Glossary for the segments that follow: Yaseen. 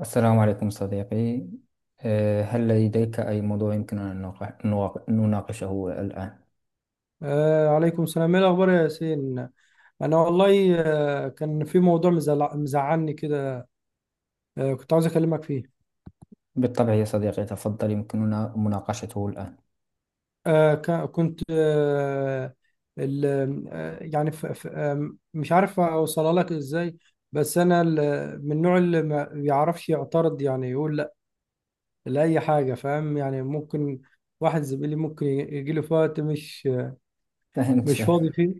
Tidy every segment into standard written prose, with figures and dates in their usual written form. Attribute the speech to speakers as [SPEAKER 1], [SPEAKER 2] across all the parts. [SPEAKER 1] السلام عليكم صديقي. هل لديك أي موضوع يمكننا أن نناقشه الآن؟
[SPEAKER 2] عليكم السلام، ايه الاخبار يا ياسين. انا والله كان في موضوع مزعلني كده. كنت عاوز اكلمك فيه.
[SPEAKER 1] بالطبع يا صديقي، تفضل، يمكننا مناقشته الآن.
[SPEAKER 2] آه ك- كنت آه ال- آه يعني ف ف آه مش عارف اوصلها لك ازاي. بس انا من النوع اللي ما بيعرفش يعترض، يعني يقول لا لاي حاجه، فاهم؟ يعني ممكن واحد زميلي ممكن يجي له في وقت
[SPEAKER 1] فهمت
[SPEAKER 2] مش
[SPEAKER 1] فهم-
[SPEAKER 2] فاضي فيه.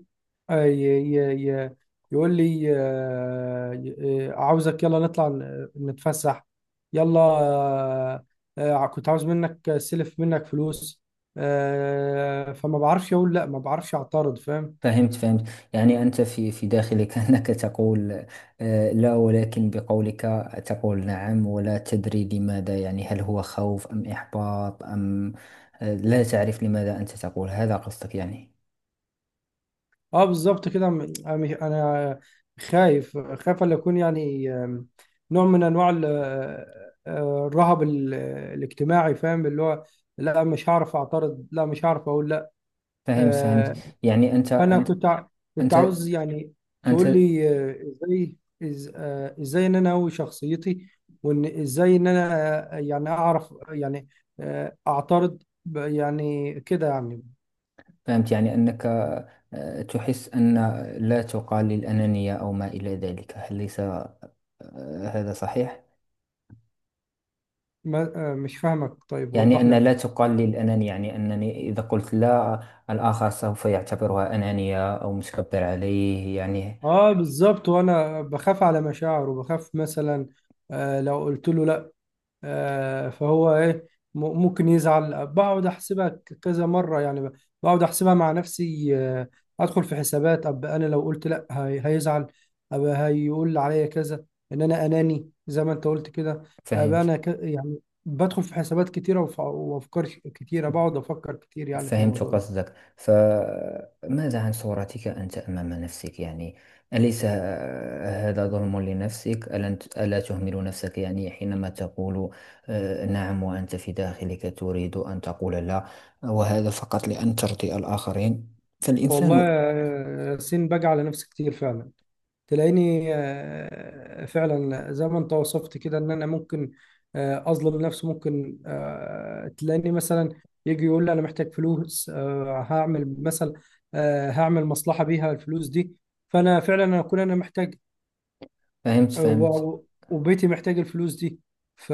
[SPEAKER 2] آه، ي- ي- ي- يقول لي عاوزك، يلا نطلع نتفسح، يلا. كنت عاوز منك سلف، منك فلوس. فما بعرفش اقول لا، ما بعرفش اعترض، فاهم؟
[SPEAKER 1] فهمت فهمت يعني أنت في داخلك أنك تقول، لا، ولكن بقولك تقول نعم ولا تدري لماذا. يعني هل هو خوف أم إحباط أم لا تعرف لماذا أنت تقول هذا، قصدك يعني.
[SPEAKER 2] اه بالظبط كده. م- انا مش- أنا خايف، خايف ان اكون يعني نوع من انواع الرهب الاجتماعي، فاهم؟ اللي هو لا مش هعرف اعترض، لا مش هعرف اقول لا.
[SPEAKER 1] فهمت.
[SPEAKER 2] آه،
[SPEAKER 1] يعني
[SPEAKER 2] فانا كنت
[SPEAKER 1] أنت
[SPEAKER 2] عاوز يعني تقول
[SPEAKER 1] أنت
[SPEAKER 2] لي ازاي، ازاي ان انا اقوي شخصيتي، وان ازاي ان انا يعني اعرف يعني اعترض يعني كده يعني.
[SPEAKER 1] فهمت. يعني أنك تحس أن لا تقال للأنانية أو ما إلى ذلك، هل ليس هذا صحيح؟
[SPEAKER 2] مش فاهمك، طيب
[SPEAKER 1] يعني
[SPEAKER 2] وضح
[SPEAKER 1] أن
[SPEAKER 2] لي
[SPEAKER 1] لا
[SPEAKER 2] اكتر.
[SPEAKER 1] تقال للأنانية، يعني أنني إذا قلت لا، الآخر سوف يعتبرها أنانية أو متكبر عليه يعني.
[SPEAKER 2] اه بالظبط. وانا بخاف على مشاعره، وبخاف مثلا لو قلت له لا فهو ايه، ممكن يزعل. بقعد احسبها كذا مره، يعني بقعد احسبها مع نفسي. ادخل في حسابات، اب انا لو قلت لا هيزعل، اب هيقول عليا كذا، ان انا اناني زي ما انت قلت كده. اب
[SPEAKER 1] فهمت
[SPEAKER 2] انا يعني بدخل في حسابات كتيره وافكار كتيره، بقعد افكر كتير يعني في
[SPEAKER 1] فهمت
[SPEAKER 2] الموضوع ده.
[SPEAKER 1] قصدك. فماذا عن صورتك أنت أمام نفسك؟ يعني أليس هذا ظلم لنفسك؟ ألا تهمل نفسك يعني حينما تقول نعم، وأنت في داخلك تريد أن تقول لا، وهذا فقط لأن ترضي الآخرين.
[SPEAKER 2] والله
[SPEAKER 1] فالإنسان
[SPEAKER 2] ياسين باجي على نفسي كتير فعلا. تلاقيني فعلا زي ما انت وصفت كده ان انا ممكن اظلم نفسي. ممكن تلاقيني مثلا يجي يقول لي انا محتاج فلوس، هعمل مثلا هعمل مصلحة بيها الفلوس دي، فانا فعلا اكون انا محتاج
[SPEAKER 1] فهمت
[SPEAKER 2] آه،
[SPEAKER 1] فهمت
[SPEAKER 2] و- وبيتي محتاج الفلوس دي، ف-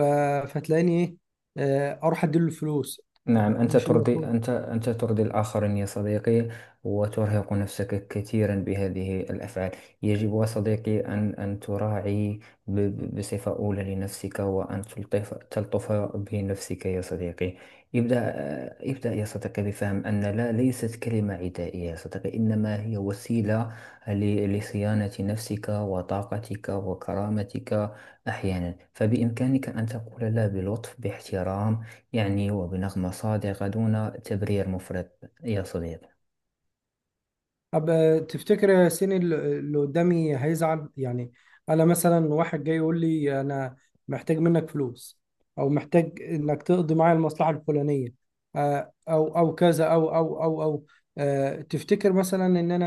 [SPEAKER 2] فتلاقيني ايه اروح اديله الفلوس.
[SPEAKER 1] نعم، أنت
[SPEAKER 2] مش
[SPEAKER 1] ترضي
[SPEAKER 2] المفروض.
[SPEAKER 1] أنت أنت ترضي الآخرين يا صديقي، وترهق نفسك كثيرا بهذه الأفعال. يجب يا صديقي أن تراعي بصفة أولى لنفسك، وأن تلطف بنفسك يا صديقي. ابدأ يا صديقي بفهم أن لا ليست كلمة عدائية يا صديقي، إنما هي وسيلة لصيانة نفسك وطاقتك وكرامتك. أحيانا فبإمكانك أن تقول لا بلطف، باحترام يعني، وبنغمة صادقة دون تبرير مفرط يا صديقي.
[SPEAKER 2] طب تفتكر يا ياسين اللي قدامي هيزعل يعني؟ انا مثلا واحد جاي يقول لي انا محتاج منك فلوس، او محتاج انك تقضي معايا المصلحه الفلانيه، آه، او او كذا او او او او آه، تفتكر مثلا ان انا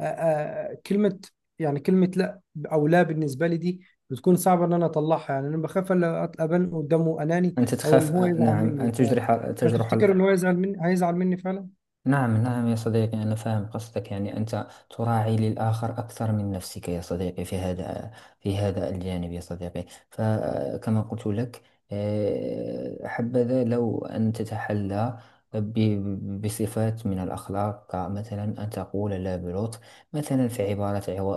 [SPEAKER 2] كلمه، يعني كلمه لا او لا بالنسبه لي دي بتكون صعبه ان انا اطلعها؟ يعني انا بخاف ابان قدامه اناني،
[SPEAKER 1] أنت
[SPEAKER 2] او ان
[SPEAKER 1] تخاف،
[SPEAKER 2] هو يزعل
[SPEAKER 1] نعم،
[SPEAKER 2] مني،
[SPEAKER 1] أن تجرح.
[SPEAKER 2] فتفتكر ان هو يزعل مني هيزعل مني فعلا؟
[SPEAKER 1] نعم نعم يا صديقي، أنا فاهم قصدك. يعني أنت تراعي للآخر أكثر من نفسك يا صديقي في هذا الجانب يا صديقي. فكما قلت لك، حبذا لو أن تتحلى بصفات من الأخلاق، كمثلا أن تقول لا بلطف. مثلا في عبارة،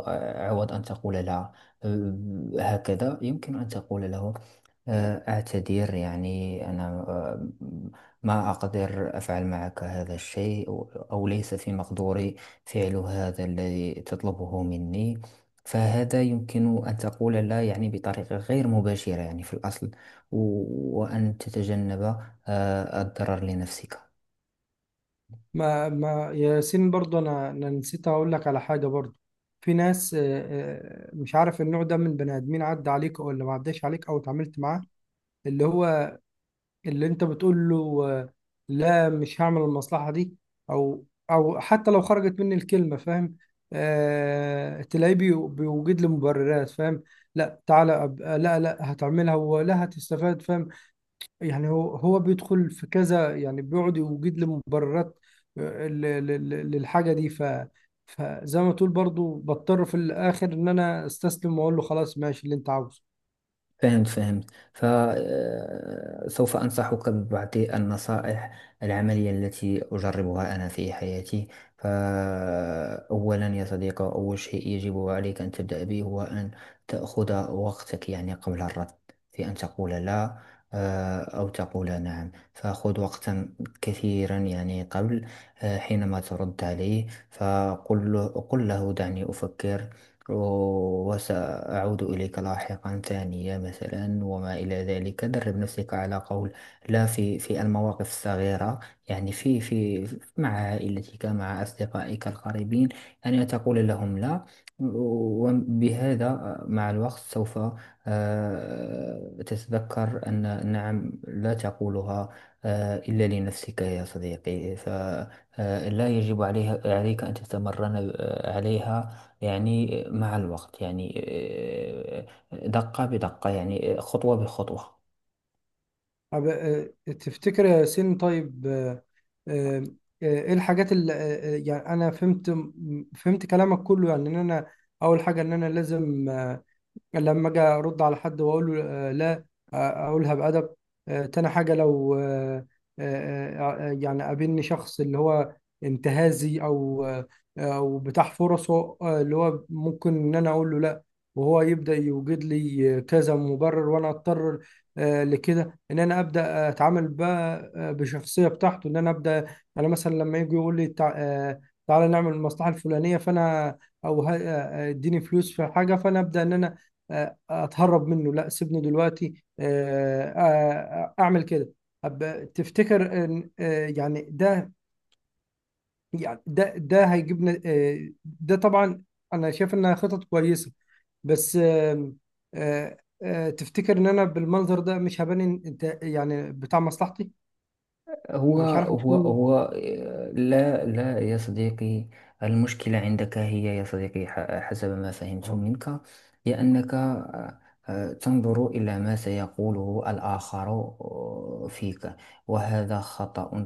[SPEAKER 1] عوض أن تقول لا، آه، هكذا يمكن أن تقول له أعتذر، يعني أنا، ما أقدر أفعل معك هذا الشيء، أو ليس في مقدوري فعل هذا الذي تطلبه مني. فهذا يمكن أن تقول لا يعني بطريقة غير مباشرة، يعني في الأصل، وأن تتجنب الضرر لنفسك.
[SPEAKER 2] ما ما ياسين، برضو انا انا نسيت اقول لك على حاجه برضو. في ناس مش عارف النوع ده من بني ادمين عدى عليك او اللي ما عداش عليك او اتعاملت معاه، اللي هو اللي انت بتقول له لا مش هعمل المصلحه دي، او او حتى لو خرجت مني الكلمه، فاهم؟ آه تلاقيه بيوجد لي مبررات، فاهم؟ لا تعالى لا لا هتعملها ولا هتستفاد، فاهم؟ يعني هو هو بيدخل في كذا، يعني بيقعد يوجد لي مبررات آه، ل- للحاجة دي. فزي ما تقول برضو بضطر في الآخر إن أنا أستسلم وأقول له خلاص ماشي اللي أنت عاوزه.
[SPEAKER 1] فهمت. فسوف أنصحك ببعض النصائح العملية التي أجربها أنا في حياتي. فأولا يا صديقي، أول شيء يجب عليك أن تبدأ به هو أن تأخذ وقتك، يعني قبل الرد في أن تقول لا أو تقول نعم. فخذ وقتا كثيرا يعني قبل، حينما ترد عليه، فقل له دعني أفكر وسأرد، وأعود إليك لاحقا ثانية مثلا، وما إلى ذلك. درب نفسك على قول لا في المواقف الصغيرة، يعني في في مع عائلتك، مع أصدقائك القريبين، يعني تقول لهم لا. وبهذا مع الوقت سوف تتذكر أن نعم لا تقولها إلا لنفسك يا صديقي. فلا يجب عليها عليك أن تتمرن عليها، يعني مع الوقت، يعني دقة بدقة، يعني خطوة بخطوة.
[SPEAKER 2] طب، تفتكر يا ياسين؟ طيب آه، آه، إيه الحاجات اللي يعني أنا فهمت فهمت كلامك كله، يعني إن أنا أول حاجة إن أنا لازم لما اجي ارد على حد واقول له لا، اقولها بادب. تاني حاجه لو يعني قابلني شخص اللي هو انتهازي، او بتاع فرصه، اللي هو ممكن ان انا اقول له لا وهو يبدا يوجد لي كذا مبرر، وانا اضطر لكده ان انا ابدا اتعامل بقى بشخصيه بتاعته ان انا ابدا. انا مثلا لما يجي يقول لي تعالى نعمل المصلحه الفلانيه، فانا او ه- آه، آه، اديني فلوس في حاجه، فانا ابدا ان انا اتهرب منه، لا سيبني دلوقتي، اعمل كده. تفتكر ان يعني ده يعني ده ده هيجيبنا ده طبعا انا شايف انها خطط كويسه، بس آم، آه، آه، تفتكر ان انا بالمنظر ده مش هبان إن انت يعني بتاع مصلحتي؟
[SPEAKER 1] هو
[SPEAKER 2] انا مش عارف
[SPEAKER 1] هو
[SPEAKER 2] اكون.
[SPEAKER 1] هو لا لا يا صديقي، المشكلة عندك هي يا صديقي، حسب ما فهمت منك، هي أنك تنظر إلى ما سيقوله الآخر فيك، وهذا خطأ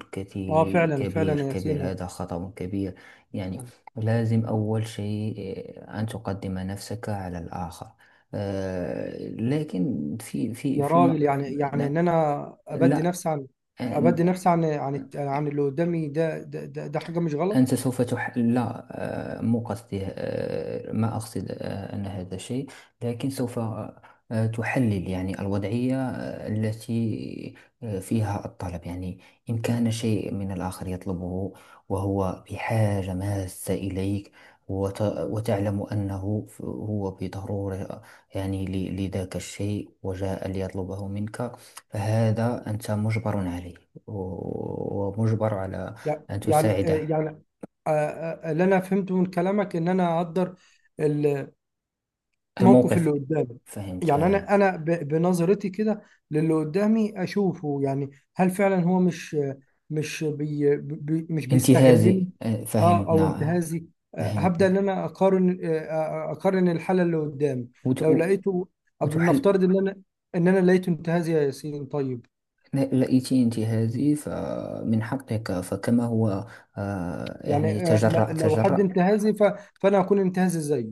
[SPEAKER 2] اه
[SPEAKER 1] كتي-
[SPEAKER 2] فعلا
[SPEAKER 1] كبير
[SPEAKER 2] فعلا يا
[SPEAKER 1] كبير
[SPEAKER 2] سينا.
[SPEAKER 1] هذا خطأ كبير. يعني لازم أول شيء أن تقدم نفسك على الآخر، لكن
[SPEAKER 2] يا راجل، يعني
[SPEAKER 1] لا
[SPEAKER 2] ان انا ابدي
[SPEAKER 1] لا،
[SPEAKER 2] نفسي عن،
[SPEAKER 1] آه،
[SPEAKER 2] ابدي نفسي عن عن اللي قدامي ده، ده حاجه مش غلط.
[SPEAKER 1] أنت سوف لا، مو قصدي، ما أقصد أن هذا شيء. لكن سوف تحلل يعني الوضعية، التي فيها الطلب، يعني إن كان شيء من الآخر يطلبه وهو بحاجة ماسة إليك، وتعلم أنه هو بضرورة، يعني لذاك الشيء، وجاء ليطلبه منك، فهذا أنت مجبر عليه، ومجبر على
[SPEAKER 2] يع-
[SPEAKER 1] أن
[SPEAKER 2] يعني آه،
[SPEAKER 1] تساعده.
[SPEAKER 2] يعني اللي انا فهمته من كلامك ان انا اقدر الموقف
[SPEAKER 1] الموقف
[SPEAKER 2] اللي قدامي،
[SPEAKER 1] فهمت
[SPEAKER 2] يعني
[SPEAKER 1] هذا.
[SPEAKER 2] انا انا بنظرتي كده للي قدامي اشوفه. يعني هل فعلا هو مش، مش بي بي مش بيستغلني؟
[SPEAKER 1] انتهازي،
[SPEAKER 2] اه
[SPEAKER 1] فهمت،
[SPEAKER 2] او
[SPEAKER 1] نعم.
[SPEAKER 2] انتهازي. هبدا ان
[SPEAKER 1] فهمتني.
[SPEAKER 2] انا اقارن، اقارن الحاله اللي قدامي.
[SPEAKER 1] وت...
[SPEAKER 2] لو
[SPEAKER 1] و-
[SPEAKER 2] لقيته قبل،
[SPEAKER 1] وتحل.
[SPEAKER 2] نفترض ان انا ان انا لقيته انتهازي يا ياسين، طيب
[SPEAKER 1] لقيت انتهازي فمن حقك، فكما هو
[SPEAKER 2] يعني
[SPEAKER 1] يعني تجرأ
[SPEAKER 2] لو حد
[SPEAKER 1] تجرأ
[SPEAKER 2] انتهازي فانا هكون انتهازي زيه.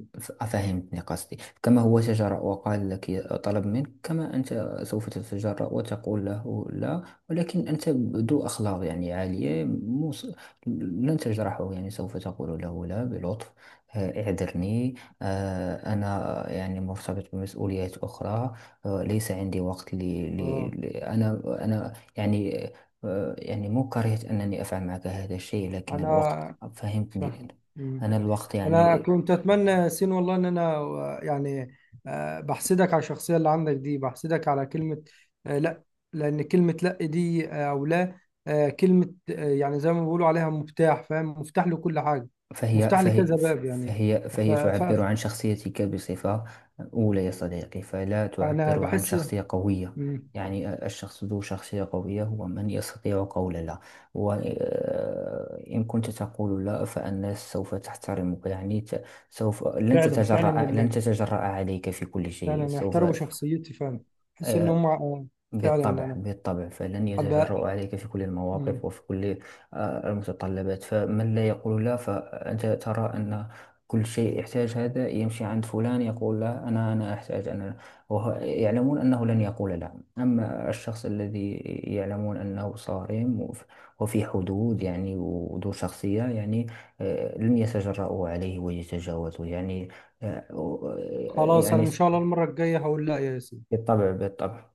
[SPEAKER 1] فهمتني قصدي، كما هو تجرأ وقال لك، طلب منك، كما أنت سوف تتجرأ وتقول له لا. ولكن أنت ذو أخلاق يعني عالية، مو لن تجرحه، يعني سوف تقول له لا بلطف، اعذرني، أنا يعني مرتبط بمسؤوليات أخرى، ليس عندي وقت لي, لي,
[SPEAKER 2] اه
[SPEAKER 1] لي أنا يعني، يعني مو كرهت أنني أفعل معك هذا الشيء، لكن الوقت.
[SPEAKER 2] أنا
[SPEAKER 1] فهمتني
[SPEAKER 2] فاهم،
[SPEAKER 1] أنا،
[SPEAKER 2] مم.
[SPEAKER 1] أنا الوقت
[SPEAKER 2] أنا
[SPEAKER 1] يعني.
[SPEAKER 2] كنت أتمنى سين، والله إن أنا يعني بحسدك على الشخصية اللي عندك دي، بحسدك على كلمة لأ. لأن كلمة لأ دي أو لا كلمة يعني زي ما بيقولوا عليها مفتاح، فاهم؟ مفتاح لكل حاجة،
[SPEAKER 1] فهي
[SPEAKER 2] مفتاح
[SPEAKER 1] فهي
[SPEAKER 2] لكذا باب يعني.
[SPEAKER 1] فهي تعبر عن شخصيتك بصفة أولى يا صديقي، فلا
[SPEAKER 2] فأنا
[SPEAKER 1] تعبر عن
[SPEAKER 2] بحس،
[SPEAKER 1] شخصية قوية.
[SPEAKER 2] مم.
[SPEAKER 1] يعني الشخص ذو شخصية قوية هو من يستطيع قول لا، وإن كنت تقول لا فالناس سوف تحترمك. يعني سوف لن
[SPEAKER 2] فعلا
[SPEAKER 1] تتجرأ لن تتجرأ عليك في كل شيء.
[SPEAKER 2] فعلا
[SPEAKER 1] سوف
[SPEAKER 2] يحترموا شخصيتي فعلا. بحس إن
[SPEAKER 1] آه،
[SPEAKER 2] هم فعلا
[SPEAKER 1] بالطبع
[SPEAKER 2] أنا
[SPEAKER 1] بالطبع، فلن
[SPEAKER 2] أبقى،
[SPEAKER 1] يتجرؤ عليك في كل المواقف
[SPEAKER 2] مم.
[SPEAKER 1] وفي كل المتطلبات. فمن لا يقول لا فأنت ترى أن كل شيء يحتاج، هذا يمشي عند فلان يقول لا، أنا أحتاج أنا، وهو يعلمون أنه لن يقول لا. أما الشخص الذي يعلمون أنه صارم وفي حدود، يعني وذو شخصية، يعني لن يتجرؤوا عليه ويتجاوزوا، يعني
[SPEAKER 2] خلاص أنا
[SPEAKER 1] يعني.
[SPEAKER 2] إن شاء الله المرة الجاية هقول لأ يا ياسين.
[SPEAKER 1] بالطبع بالطبع.